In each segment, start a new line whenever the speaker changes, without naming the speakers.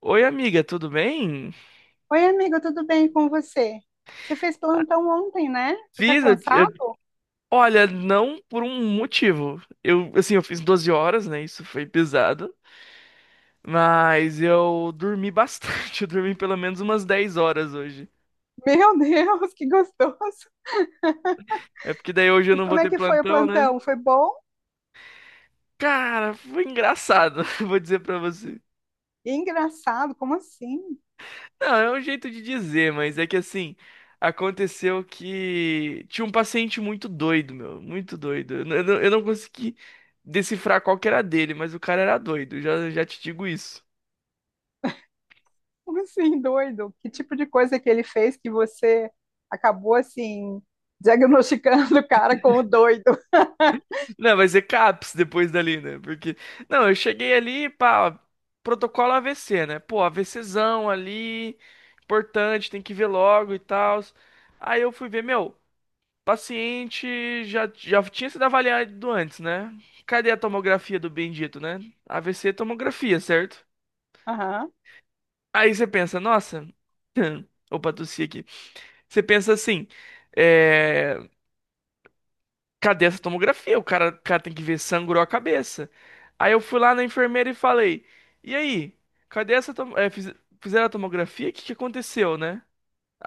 Oi, amiga, tudo bem?
Oi, amigo, tudo bem com você? Você fez plantão ontem, né? Você tá
Fiz,
cansado?
olha, não por um motivo. Eu, assim, eu fiz 12 horas, né? Isso foi pesado. Mas eu dormi bastante. Eu dormi pelo menos umas 10 horas hoje.
Meu Deus, que gostoso!
É porque daí hoje eu
E
não vou
como é
ter
que foi o
plantão, né?
plantão? Foi bom?
Cara, foi engraçado, vou dizer pra você.
E engraçado, como assim?
Não, é um jeito de dizer, mas é que assim, aconteceu que tinha um paciente muito doido, meu, muito doido. Eu não consegui decifrar qual que era dele, mas o cara era doido, já te digo isso.
Como assim, doido? Que tipo de coisa que ele fez que você acabou assim diagnosticando o cara como doido?
Não, vai ser CAPS depois dali, né? Porque, não, eu cheguei ali, pá, protocolo AVC, né? Pô, AVCzão ali, importante, tem que ver logo e tal. Aí eu fui ver, meu. Paciente já tinha sido avaliado antes, né? Cadê a tomografia do bendito, né? AVC é tomografia, certo?
Aham.
Aí você pensa, nossa. Opa, tossi aqui. Você pensa assim, é... cadê essa tomografia? O cara tem que ver, sangrou a cabeça. Aí eu fui lá na enfermeira e falei, e aí? Cadê essa tom... é, fiz- Fizeram a tomografia? O que que aconteceu, né?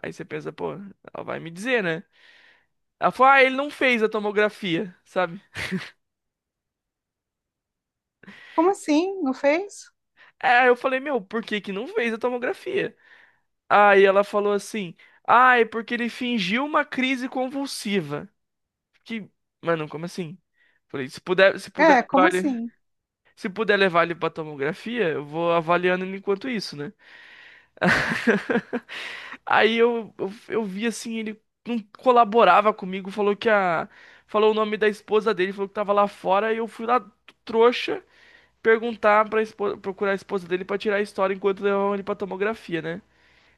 Aí você pensa, pô, ela vai me dizer, né? Ela falou, ah, ele não fez a tomografia, sabe?
Como assim? Não fez?
Aí eu falei, meu, por que que não fez a tomografia? Aí ela falou assim, ah, é porque ele fingiu uma crise convulsiva. Que, mano, como assim? Falei,
É, como assim?
se puder levar ele pra tomografia, eu vou avaliando ele enquanto isso, né? Aí eu vi assim, ele não colaborava comigo, falou o nome da esposa dele, falou que tava lá fora, e eu fui lá trouxa perguntar pra esposa, procurar a esposa dele pra tirar a história enquanto levavam ele pra tomografia, né?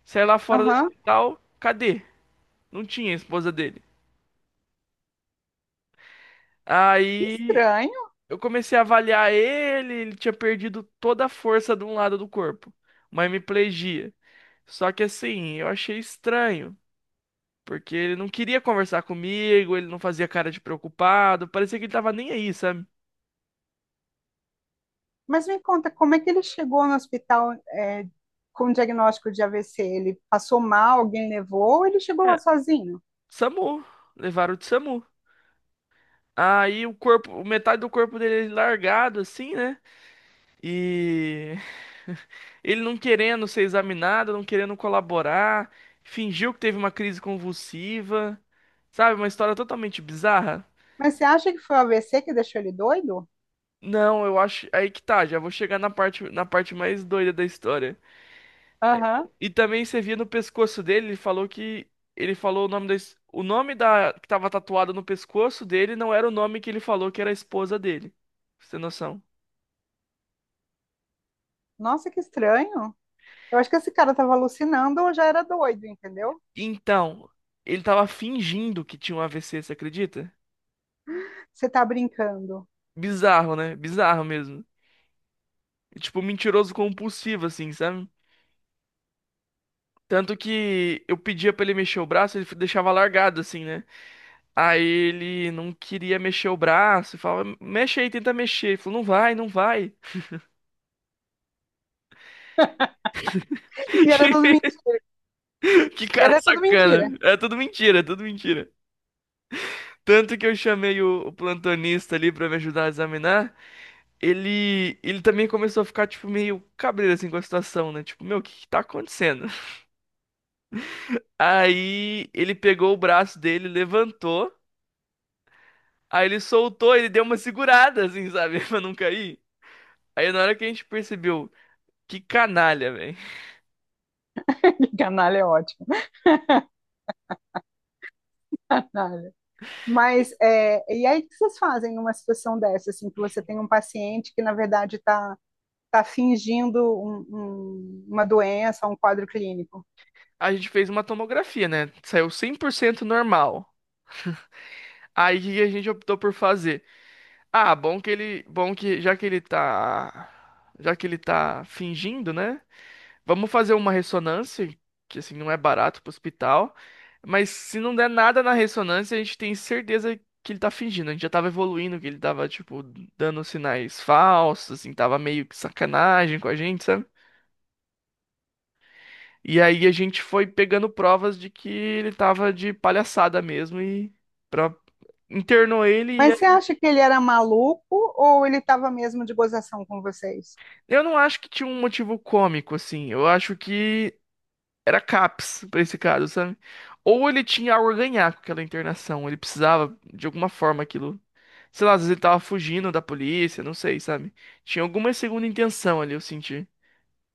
Saí lá fora do
Aham.
hospital, cadê? Não tinha a esposa dele.
Que
Aí
estranho.
eu comecei a avaliar ele, ele tinha perdido toda a força de um lado do corpo, uma hemiplegia. Só que assim, eu achei estranho, porque ele não queria conversar comigo, ele não fazia cara de preocupado, parecia que ele tava nem aí, sabe?
Mas me conta, como é que ele chegou no hospital, é, com o diagnóstico de AVC? Ele passou mal, alguém levou, ou ele chegou lá
É,
sozinho?
SAMU, levaram de SAMU. Aí o corpo, metade do corpo dele é largado assim, né? E ele não querendo ser examinado, não querendo colaborar, fingiu que teve uma crise convulsiva, sabe? Uma história totalmente bizarra.
Mas você acha que foi o AVC que deixou ele doido?
Não, eu acho. Aí que tá, já vou chegar na parte mais doida da história.
Aham.
E também você via no pescoço dele, ele falou que. Ele falou O nome da que tava tatuado no pescoço dele não era o nome que ele falou que era a esposa dele. Pra você ter noção.
Nossa, que estranho. Eu acho que esse cara estava alucinando ou já era doido, entendeu?
Então, ele tava fingindo que tinha um AVC, você acredita?
Você tá brincando.
Bizarro, né? Bizarro mesmo. Tipo, mentiroso compulsivo, assim, sabe? Tanto que eu pedia pra ele mexer o braço, ele deixava largado, assim, né? Aí ele não queria mexer o braço, e falava, mexe aí, tenta mexer. Ele falou, não vai, não vai.
E era tudo mentira.
Que cara
Era tudo mentira.
sacana. É tudo mentira, é tudo mentira. Tanto que eu chamei o plantonista ali pra me ajudar a examinar. Ele também começou a ficar, tipo, meio cabreiro, assim, com a situação, né? Tipo, meu, o que que tá acontecendo? Aí ele pegou o braço dele, levantou. Aí ele soltou, ele deu uma segurada, assim, sabe? Pra não cair. Aí na hora que a gente percebeu, que canalha, velho.
Canalha é ótimo. Canalha. Mas, é, e aí o que vocês fazem numa situação dessa, assim, que você tem um paciente que, na verdade, está fingindo uma doença, um quadro clínico.
A gente fez uma tomografia, né? Saiu 100% normal. Aí o que que a gente optou por fazer? Ah, bom que já que ele tá fingindo, né? Vamos fazer uma ressonância, que assim não é barato pro hospital, mas se não der nada na ressonância, a gente tem certeza que ele tá fingindo. A gente já tava evoluindo, que ele tava, tipo, dando sinais falsos, assim, tava meio que sacanagem com a gente, sabe? E aí a gente foi pegando provas de que ele tava de palhaçada mesmo pra... internou ele.
Mas
E...
você acha que ele era maluco ou ele estava mesmo de gozação com vocês?
Eu não acho que tinha um motivo cômico, assim. Eu acho que era CAPS pra esse caso, sabe? Ou ele tinha algo a ganhar com aquela internação, ele precisava de alguma forma aquilo. Sei lá, às vezes ele tava fugindo da polícia, não sei, sabe? Tinha alguma segunda intenção ali, eu senti.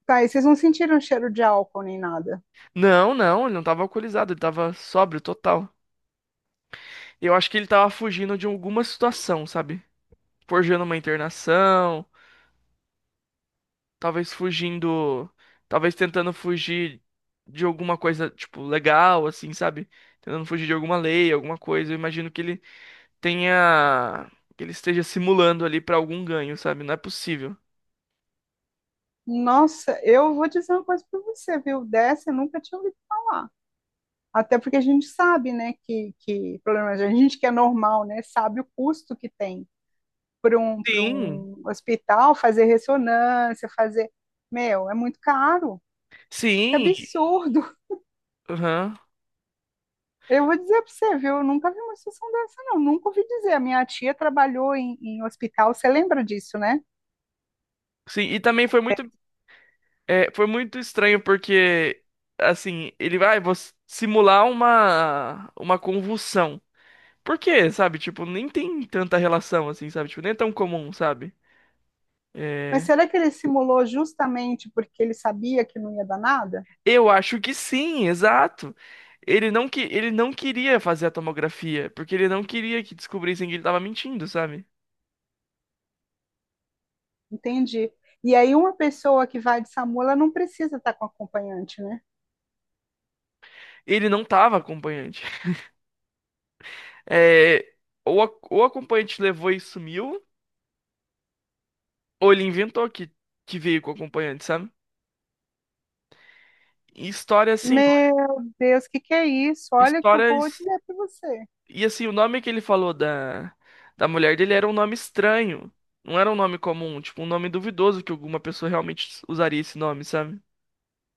Tá, e vocês não sentiram cheiro de álcool nem nada?
Não, não, ele não tava alcoolizado, ele tava sóbrio total. Eu acho que ele tava fugindo de alguma situação, sabe? Forjando uma internação, talvez fugindo, talvez tentando fugir de alguma coisa, tipo, legal, assim, sabe? Tentando fugir de alguma lei, alguma coisa. Eu imagino que tenha, que ele esteja simulando ali pra algum ganho, sabe? Não é possível.
Nossa, eu vou dizer uma coisa para você, viu? Dessa eu nunca tinha ouvido falar. Até porque a gente sabe, né, que problema, a gente que é normal, né, sabe o custo que tem para um, para
Sim,
um hospital fazer ressonância, fazer. Meu, é muito caro. É
sim,
absurdo.
aham.
Eu vou dizer para você, viu? Eu nunca vi uma situação dessa, não. Nunca ouvi dizer. A minha tia trabalhou em hospital, você lembra disso, né?
Sim, e também foi muito estranho porque, assim, ele vai vou simular uma convulsão. Por quê, sabe? Tipo, nem tem tanta relação, assim, sabe? Tipo, nem é tão comum, sabe?
Mas
É,
será que ele simulou justamente porque ele sabia que não ia dar nada?
eu acho que sim, exato. Ele não queria fazer a tomografia, porque ele não queria que descobrissem que ele tava mentindo, sabe?
Entendi. E aí, uma pessoa que vai de SAMU, ela não precisa estar com acompanhante, né?
Ele não tava acompanhante. É, ou o acompanhante levou e sumiu, ou ele inventou que veio com o acompanhante, sabe? E
Meu Deus, o que que é isso? Olha o que eu vou
histórias.
dizer para você,
E assim, o nome que ele falou da, da mulher dele era um nome estranho. Não era um nome comum, tipo, um nome duvidoso que alguma pessoa realmente usaria esse nome, sabe?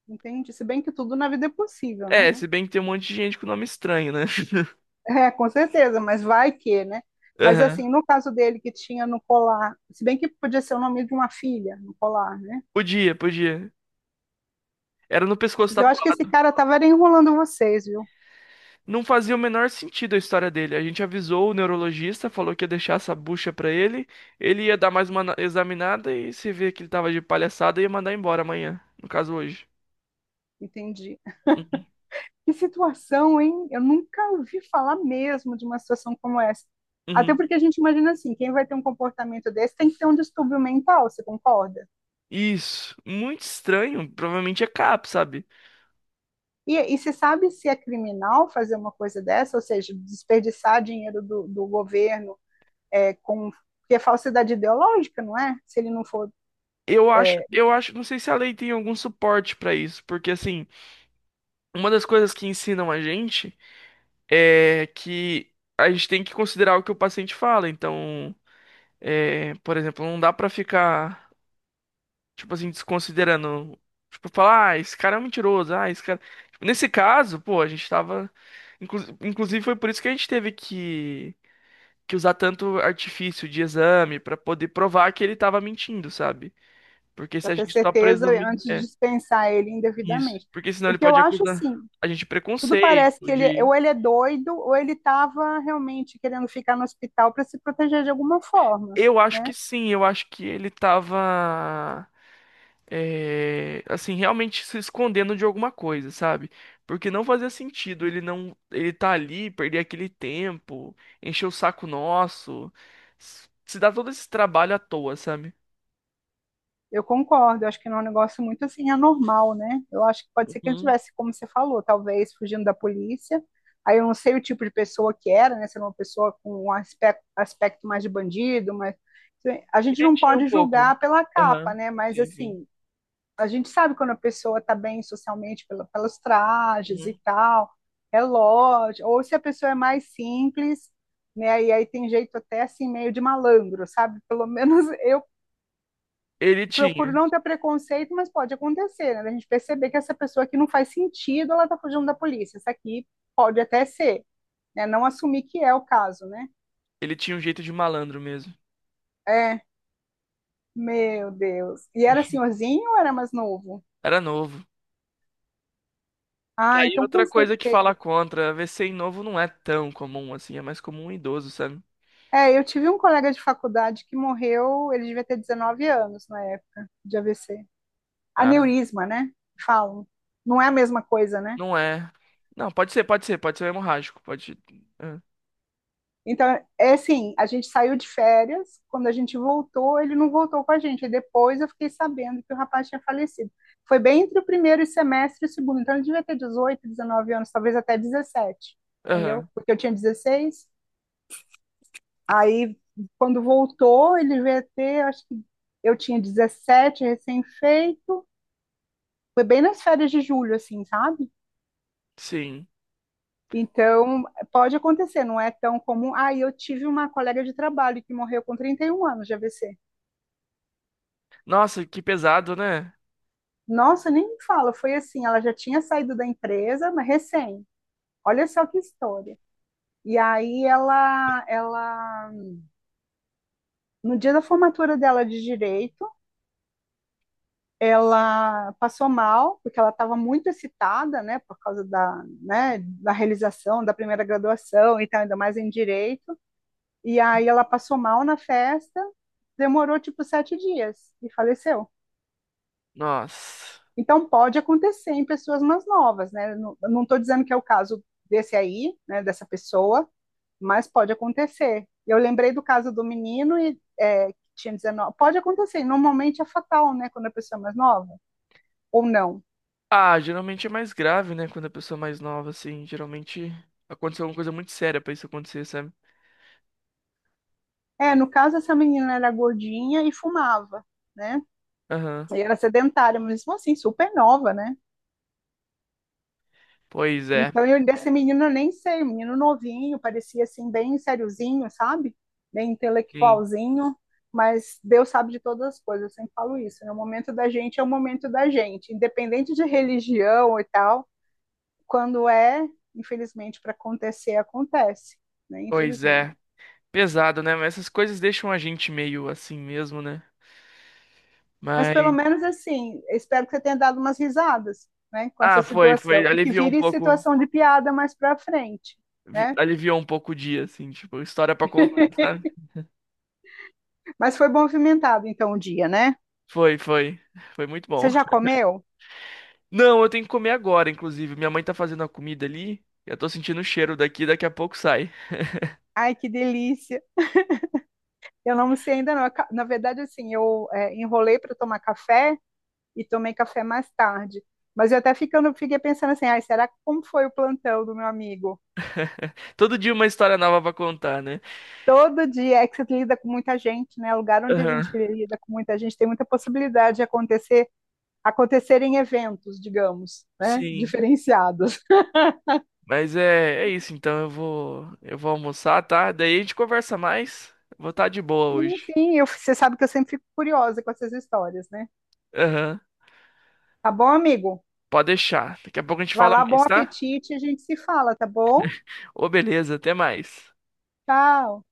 entende? Se bem que tudo na vida é possível, né?
É, se bem que tem um monte de gente com nome estranho, né?
É, com certeza, mas vai que, né? Mas
Aham.
assim, no caso dele que tinha no colar, se bem que podia ser o nome de uma filha no colar, né?
Podia, podia. Era no pescoço,
Mas
tá.
eu acho que esse cara estava enrolando vocês, viu?
Não fazia o menor sentido a história dele. A gente avisou o neurologista, falou que ia deixar essa bucha pra ele, ele ia dar mais uma examinada e se vê que ele tava de palhaçada, ia mandar embora amanhã, no caso hoje.
Entendi.
Uhum.
Que situação, hein? Eu nunca ouvi falar mesmo de uma situação como essa. Até
Uhum.
porque a gente imagina assim, quem vai ter um comportamento desse tem que ter um distúrbio mental, você concorda?
Isso, muito estranho, provavelmente é CAP, sabe?
E você sabe se é criminal fazer uma coisa dessa, ou seja, desperdiçar dinheiro do governo, é, com porque é falsidade ideológica, não é? Se ele não for
Eu acho, não sei se a lei tem algum suporte pra isso, porque assim, uma das coisas que ensinam a gente é que a gente tem que considerar o que o paciente fala, então, é, por exemplo, não dá pra ficar tipo assim, desconsiderando. Tipo, falar, ah, esse cara é um mentiroso, ah, esse cara. Tipo, nesse caso, pô, a gente tava. Inclusive, foi por isso que a gente teve que usar tanto artifício de exame pra poder provar que ele tava mentindo, sabe? Porque se
para
a
ter
gente só
certeza
presumir.
antes de
É,
dispensar ele
isso.
indevidamente.
Porque senão
O
ele
que eu
pode
acho,
acusar
assim,
a gente de
tudo parece que
preconceito,
ele é,
de.
ou ele é doido ou ele estava realmente querendo ficar no hospital para se proteger de alguma forma, né?
Eu acho que ele tava. É, assim, realmente se escondendo de alguma coisa, sabe? Porque não fazia sentido ele não, ele tá ali, perder aquele tempo, encher o saco nosso, se dar todo esse trabalho à toa, sabe?
Eu concordo, eu acho que não é um negócio muito assim anormal, né? Eu acho que pode ser que ele
Uhum.
tivesse, como você falou, talvez fugindo da polícia. Aí eu não sei o tipo de pessoa que era, né? Se era uma pessoa com um aspecto, mais de bandido, mas assim, a gente
Ele
não
tinha um
pode
pouco.
julgar pela capa,
Aham.
né? Mas
Sim, sim.
assim, a gente sabe quando a pessoa está bem socialmente pela, pelos trajes e
Uhum.
tal, relógio, ou se a pessoa é mais simples, né? E aí tem jeito até assim meio de malandro, sabe? Pelo menos eu
Ele
procuro
tinha.
não ter preconceito, mas pode acontecer, né? A gente perceber que essa pessoa aqui não faz sentido, ela está fugindo da polícia. Essa aqui pode até ser, né? Não assumir que é o caso, né?
Ele tinha um jeito de malandro mesmo.
É, meu Deus. E era senhorzinho ou era mais novo?
Era novo. Tá
Ah,
aí
então
outra
com
coisa que fala
certeza.
contra. VC em novo não é tão comum assim, é mais comum em idoso, sabe?
É, eu tive um colega de faculdade que morreu, ele devia ter 19 anos na época de AVC. Aneurisma, né? Falam. Não é a mesma coisa, né?
Não é. Não, pode ser, pode ser, pode ser hemorrágico, pode. É.
Então, é assim, a gente saiu de férias, quando a gente voltou, ele não voltou com a gente. E depois eu fiquei sabendo que o rapaz tinha falecido. Foi bem entre o primeiro semestre e o segundo. Então, ele devia ter 18, 19 anos, talvez até 17, entendeu?
Aham,
Porque eu tinha 16. Aí, quando voltou, ele devia ter, acho que eu tinha 17, recém-feito. Foi bem nas férias de julho, assim, sabe?
sim.
Então, pode acontecer, não é tão comum. Ah, e eu tive uma colega de trabalho que morreu com 31 anos de AVC.
Nossa, que pesado, né?
Nossa, nem me fala, foi assim, ela já tinha saído da empresa, mas recém. Olha só que história. E aí ela, no dia da formatura dela de direito, ela passou mal, porque ela estava muito excitada, né, por causa da, né, da realização da primeira graduação e tal, ainda mais em direito. E aí ela passou mal na festa, demorou tipo 7 dias e faleceu.
Nossa.
Então pode acontecer em pessoas mais novas, né? Eu não estou dizendo que é o caso desse aí, né, dessa pessoa, mas pode acontecer. Eu lembrei do caso do menino e é, que tinha 19. Pode acontecer, normalmente é fatal, né, quando a pessoa é mais nova, ou não.
Ah, geralmente é mais grave, né? Quando a pessoa é mais nova, assim, geralmente aconteceu alguma coisa muito séria pra isso acontecer, sabe?
É, no caso essa menina era gordinha e fumava, né?
Aham.
E era sedentária, mas mesmo assim super nova, né?
Pois é.
Então, eu desse menino eu nem sei, um menino novinho, parecia assim, bem sériozinho, sabe? Bem
Sim.
intelectualzinho, mas Deus sabe de todas as coisas, eu sempre falo isso, né? O momento da gente é o momento da gente, independente de religião e tal, quando é, infelizmente, para acontecer, acontece, né?
Pois
Infelizmente.
é. Pesado, né? Mas essas coisas deixam a gente meio assim mesmo, né?
Mas
Mas
pelo menos assim, eu espero que você tenha dado umas risadas, né, com essa
ah, foi, foi,
situação, e que
aliviou um
vire
pouco,
situação de piada mais para frente, né?
aliviou um pouco o dia, assim, tipo, história pra contar, sabe?
Mas foi movimentado então o dia, né?
Foi, foi. Foi muito
Você
bom.
já comeu?
Não, eu tenho que comer agora, inclusive. Minha mãe tá fazendo a comida ali. Eu tô sentindo o cheiro daqui, daqui a pouco sai.
Ai, que delícia. Eu não sei ainda não. Na verdade, assim, eu é, enrolei para tomar café e tomei café mais tarde. Mas eu até ficando, fiquei pensando assim, ai, como foi o plantão do meu amigo?
Todo dia uma história nova pra contar, né?
Todo dia é que você lida com muita gente, né? Lugar onde a gente
Aham,
lida com muita gente tem muita possibilidade de acontecer, acontecerem eventos, digamos, né?
sim.
Diferenciados.
Mas é, é isso, então eu vou almoçar, tá? Daí a gente conversa mais. Vou estar de boa
Sim,
hoje.
sim, você sabe que eu sempre fico curiosa com essas histórias, né?
Aham,
Tá bom, amigo?
pode deixar. Daqui a pouco a gente
Vai
fala
lá, bom
mais, tá?
apetite, a gente se fala, tá bom?
Ô, beleza, até mais.
Tchau.